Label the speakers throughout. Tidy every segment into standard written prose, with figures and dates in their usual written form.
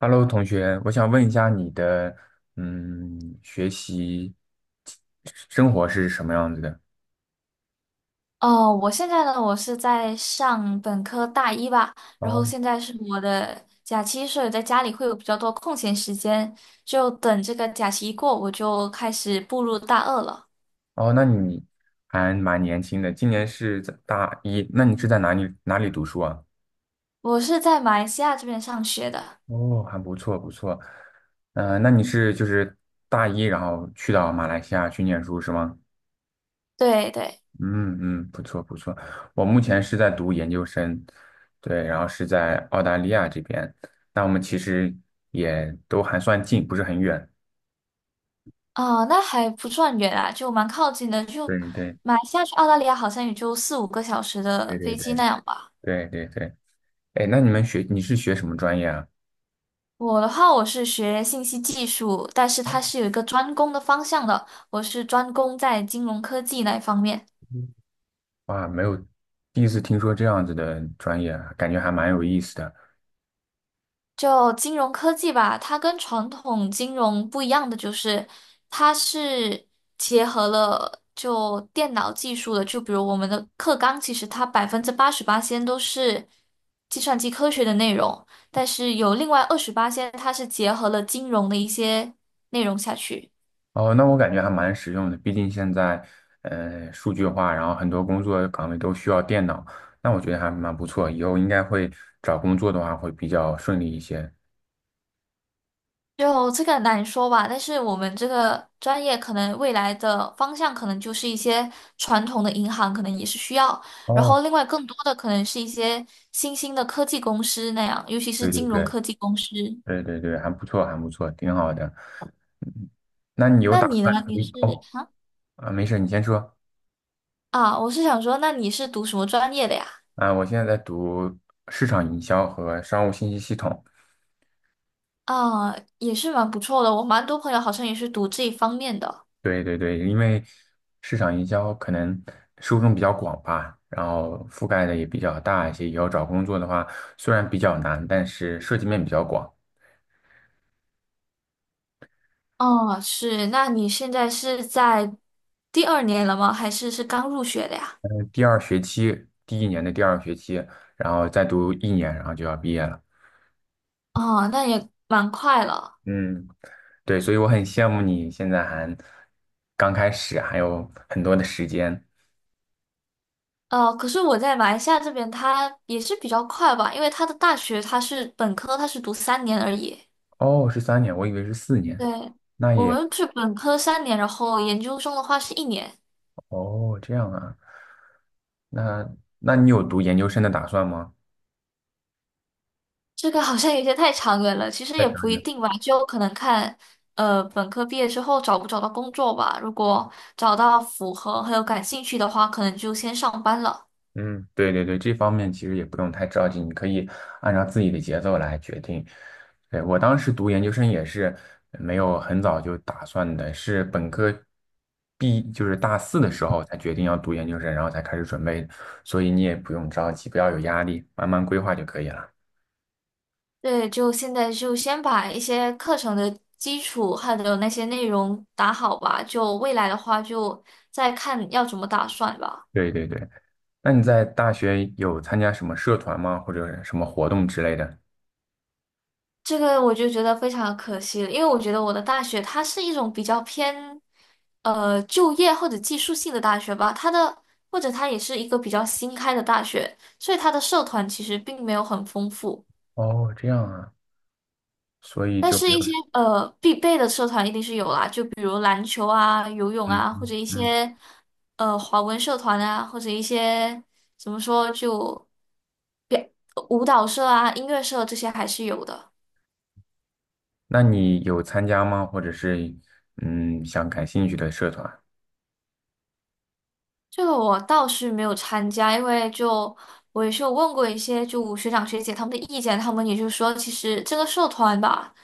Speaker 1: Hello，同学，我想问一下你的，嗯，学习生活是什么样子的？
Speaker 2: 哦，我现在呢，我是在上本科大一吧，然后
Speaker 1: 哦，
Speaker 2: 现在是我的假期，所以在家里会有比较多空闲时间，就等这个假期一过，我就开始步入大二了。
Speaker 1: 哦，那你还蛮年轻的，今年是在大一，那你是在哪里读书啊？
Speaker 2: 我是在马来西亚这边上学的，
Speaker 1: 哦，还不错不错，那你是就是大一，然后去到马来西亚去念书是吗？
Speaker 2: 对对，
Speaker 1: 嗯嗯，不错不错，我目前是在读研究生，对，然后是在澳大利亚这边，那我们其实也都还算近，不是很远。
Speaker 2: 哦，那还不算远啊，就蛮靠近的，就
Speaker 1: 对对对
Speaker 2: 马来西亚去澳大利亚好像也就四五个小时
Speaker 1: 对
Speaker 2: 的
Speaker 1: 对
Speaker 2: 飞机
Speaker 1: 对
Speaker 2: 那样吧。
Speaker 1: 对对，哎，那你是学什么专业啊？
Speaker 2: 我的话，我是学信息技术，但是它是有一个专攻的方向的。我是专攻在金融科技那一方面。
Speaker 1: 嗯哇，没有，第一次听说这样子的专业啊，感觉还蛮有意思的。
Speaker 2: 就金融科技吧，它跟传统金融不一样的就是，它是结合了就电脑技术的。就比如我们的课纲，其实它88%先都是计算机科学的内容，但是有另外二十八先，它是结合了金融的一些内容下去。
Speaker 1: 哦，那我感觉还蛮实用的，毕竟现在数据化，然后很多工作岗位都需要电脑，那我觉得还蛮不错，以后应该会找工作的话会比较顺利一些。
Speaker 2: 就这个难说吧，但是我们这个专业可能未来的方向可能就是一些传统的银行，可能也是需要，然
Speaker 1: 哦，
Speaker 2: 后另外更多的可能是一些新兴的科技公司那样，尤其是
Speaker 1: 对对
Speaker 2: 金融
Speaker 1: 对
Speaker 2: 科技公司。
Speaker 1: 对对对，还不错，还不错，挺好的。那你有
Speaker 2: 那
Speaker 1: 打
Speaker 2: 你呢？
Speaker 1: 算
Speaker 2: 你是
Speaker 1: 哦，
Speaker 2: 啊
Speaker 1: 啊，没事，你先说。
Speaker 2: 啊，我是想说，那你是读什么专业的呀？
Speaker 1: 啊，我现在在读市场营销和商务信息系统。
Speaker 2: 啊，也是蛮不错的，我蛮多朋友好像也是读这一方面的。
Speaker 1: 对对对，因为市场营销可能受众比较广吧，然后覆盖的也比较大一些。以后找工作的话，虽然比较难，但是涉及面比较广。
Speaker 2: 哦，是，那你现在是在第二年了吗？还是刚入学的呀？
Speaker 1: 第二学期，第一年的第二学期，然后再读一年，然后就要毕业了。
Speaker 2: 哦，那也蛮快了。
Speaker 1: 嗯，对，所以我很羡慕你现在还刚开始，还有很多的时间。
Speaker 2: 可是我在马来西亚这边，它也是比较快吧，因为它的大学它是本科，它是读三年而已。
Speaker 1: 哦，是3年，我以为是四
Speaker 2: 对，
Speaker 1: 年，那
Speaker 2: 我
Speaker 1: 也。
Speaker 2: 们是本科三年，然后研究生的话是1年，
Speaker 1: 哦，这样啊，那那你有读研究生的打算吗？
Speaker 2: 这个好像有些太长远了。其实
Speaker 1: 在
Speaker 2: 也
Speaker 1: 想
Speaker 2: 不一定吧，就可能看，本科毕业之后找不找到工作吧。如果找到符合还有感兴趣的话，可能就先上班了。
Speaker 1: 嗯，对对对，这方面其实也不用太着急，你可以按照自己的节奏来决定。对，我当时读研究生也是没有很早就打算的，是本科毕，就是大四的时候才决定要读研究生，然后才开始准备，所以你也不用着急，不要有压力，慢慢规划就可以了。
Speaker 2: 对，就现在就先把一些课程的基础还有那些内容打好吧，就未来的话就再看要怎么打算吧。
Speaker 1: 对对对，那你在大学有参加什么社团吗？或者什么活动之类的？
Speaker 2: 这个我就觉得非常可惜了，因为我觉得我的大学它是一种比较偏就业或者技术性的大学吧，或者它也是一个比较新开的大学，所以它的社团其实并没有很丰富。
Speaker 1: 哦，这样啊。所以
Speaker 2: 但
Speaker 1: 就没
Speaker 2: 是，
Speaker 1: 有，
Speaker 2: 一些必备的社团一定是有啦，就比如篮球啊、游泳
Speaker 1: 嗯
Speaker 2: 啊，或
Speaker 1: 嗯，
Speaker 2: 者一
Speaker 1: 嗯，
Speaker 2: 些华文社团啊，或者一些怎么说就表舞蹈社啊、音乐社这些还是有的。
Speaker 1: 那你有参加吗？或者是想感兴趣的社团？
Speaker 2: 这个我倒是没有参加，因为就我也是有问过一些就学长学姐他们的意见，他们也就说，其实这个社团吧。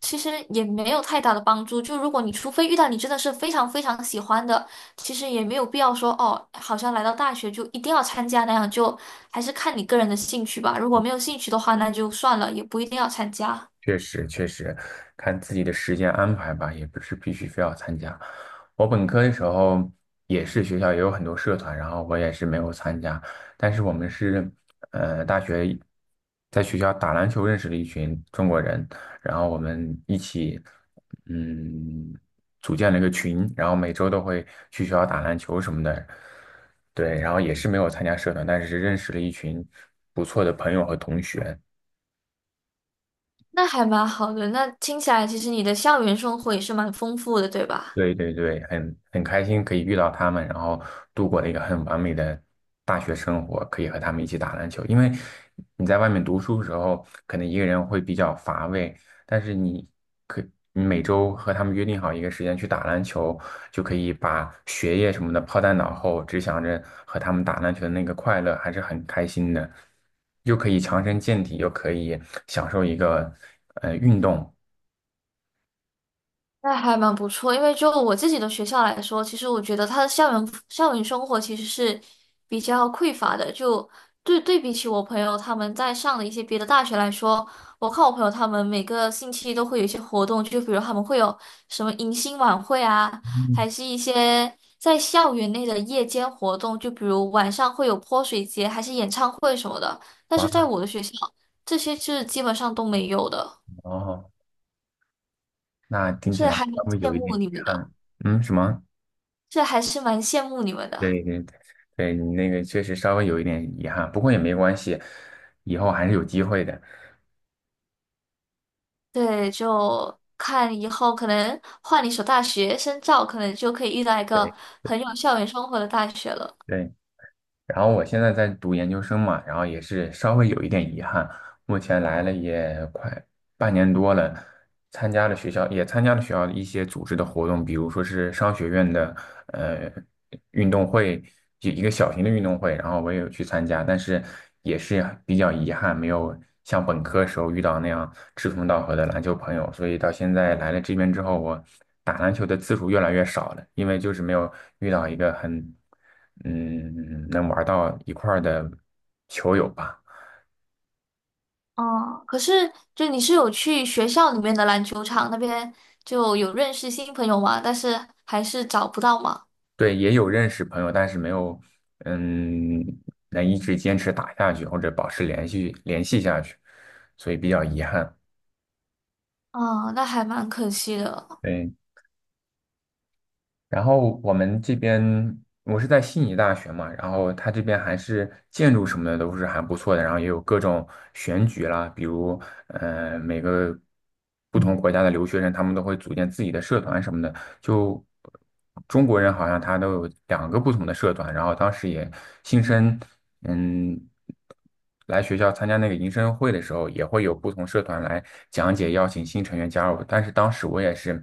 Speaker 2: 其实也没有太大的帮助。就如果你除非遇到你真的是非常非常喜欢的，其实也没有必要说哦，好像来到大学就一定要参加那样，就还是看你个人的兴趣吧。如果没有兴趣的话，那就算了，也不一定要参加。
Speaker 1: 确实，确实，看自己的时间安排吧，也不是必须非要参加。我本科的时候也是学校也有很多社团，然后我也是没有参加。但是我们是，大学在学校打篮球认识了一群中国人，然后我们一起，嗯，组建了一个群，然后每周都会去学校打篮球什么的。对，然后也是没有参加社团，但是认识了一群不错的朋友和同学。
Speaker 2: 那还蛮好的。那听起来，其实你的校园生活也是蛮丰富的，对吧？
Speaker 1: 对对对，很开心可以遇到他们，然后度过了一个很完美的大学生活，可以和他们一起打篮球。因为你在外面读书的时候，可能一个人会比较乏味，但是可你每周和他们约定好一个时间去打篮球，就可以把学业什么的抛在脑后，只想着和他们打篮球的那个快乐，还是很开心的，又可以强身健体，又可以享受一个运动。
Speaker 2: 那还蛮不错，因为就我自己的学校来说，其实我觉得它的校园生活其实是比较匮乏的。就，对对，比起我朋友他们在上的一些别的大学来说，我看我朋友他们每个星期都会有一些活动，就比如他们会有什么迎新晚会啊，
Speaker 1: 嗯，
Speaker 2: 还是一些在校园内的夜间活动，就比如晚上会有泼水节，还是演唱会什么的。但
Speaker 1: 哇
Speaker 2: 是在我的学校，这些是基本上都没有的，
Speaker 1: 哦，那听起
Speaker 2: 是
Speaker 1: 来
Speaker 2: 还蛮
Speaker 1: 稍微
Speaker 2: 羡
Speaker 1: 有一点
Speaker 2: 慕
Speaker 1: 遗
Speaker 2: 你们的。
Speaker 1: 憾。嗯，什么？
Speaker 2: 这还是蛮羡慕你们的。
Speaker 1: 对对对，对你那个确实稍微有一点遗憾，不过也没关系，以后还是有机会的。
Speaker 2: 对，就看以后可能换一所大学深造，可能就可以遇到一
Speaker 1: 对
Speaker 2: 个很有校园生活的大学了。
Speaker 1: 对，然后我现在在读研究生嘛，然后也是稍微有一点遗憾，目前来了也快半年多了，参加了学校的一些组织的活动，比如说是商学院的呃运动会，就一个小型的运动会，然后我也有去参加，但是也是比较遗憾，没有像本科时候遇到那样志同道合的篮球朋友，所以到现在来了这边之后，我打篮球的次数越来越少了，因为就是没有遇到一个很，能玩到一块儿的球友吧。
Speaker 2: 哦，可是就你是有去学校里面的篮球场那边就有认识新朋友吗？但是还是找不到嘛。
Speaker 1: 对，也有认识朋友，但是没有，嗯，能一直坚持打下去或者保持联系下去，所以比较遗憾。
Speaker 2: 嗯，那还蛮可惜的。
Speaker 1: 对。然后我们这边我是在悉尼大学嘛，然后它这边还是建筑什么的都是还不错的，然后也有各种选举啦，比如每个不同国家的留学生，他们都会组建自己的社团什么的。就中国人好像他都有两个不同的社团，然后当时也新生嗯。来学校参加那个迎新会的时候，也会有不同社团来讲解，邀请新成员加入。但是当时我也是，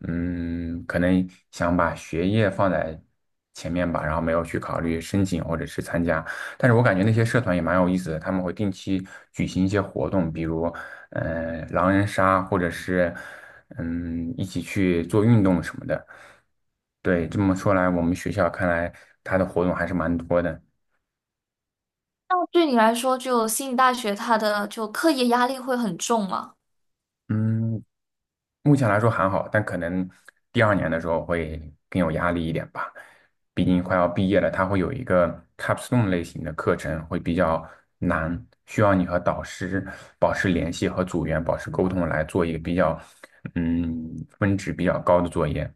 Speaker 1: 可能想把学业放在前面吧，然后没有去考虑申请或者是参加。但是我感觉那些社团也蛮有意思的，他们会定期举行一些活动，比如，狼人杀，或者是，一起去做运动什么的。对，这么说来，我们学校看来它的活动还是蛮多的。
Speaker 2: 那对你来说，就悉尼大学它的就课业压力会很重吗？
Speaker 1: 嗯，目前来说还好，但可能第二年的时候会更有压力一点吧。毕竟快要毕业了，它会有一个 capstone 类型的课程，会比较难，需要你和导师保持联系和组员保持沟通，来做一个比较，嗯，分值比较高的作业。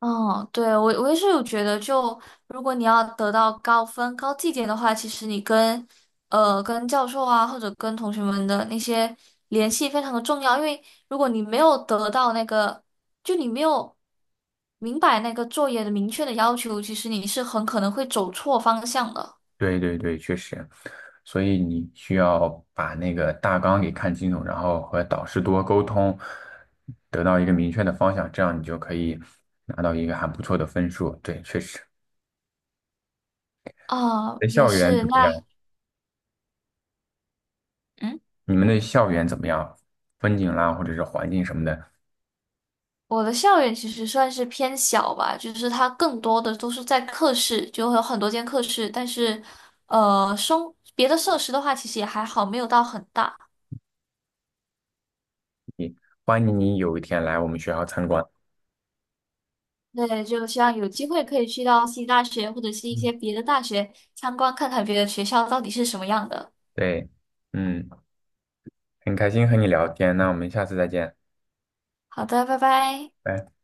Speaker 2: 哦，对，我也是有觉得就，如果你要得到高分、高绩点的话，其实你跟教授啊，或者跟同学们的那些联系非常的重要，因为如果你没有得到那个，就你没有明白那个作业的明确的要求，其实你是很可能会走错方向的。
Speaker 1: 对对对，确实，所以你需要把那个大纲给看清楚，然后和导师多沟通，得到一个明确的方向，这样你就可以拿到一个还不错的分数。对，确实。
Speaker 2: 啊、
Speaker 1: 你的
Speaker 2: 也
Speaker 1: 校园
Speaker 2: 是，
Speaker 1: 怎么样？
Speaker 2: 那嗯。
Speaker 1: 你们的校园怎么样？风景啦，或者是环境什么的，
Speaker 2: 我的校园其实算是偏小吧，就是它更多的都是在课室，就会有很多间课室，但是，生别的设施的话，其实也还好，没有到很大。
Speaker 1: 欢迎你有一天来我们学校参观。
Speaker 2: 对，就希望有机会可以去到西大学或者是一
Speaker 1: 嗯，
Speaker 2: 些别的大学参观，看看别的学校到底是什么样的。
Speaker 1: 对，嗯，很开心和你聊天，那我们下次再见，
Speaker 2: 好的，拜拜。
Speaker 1: 拜。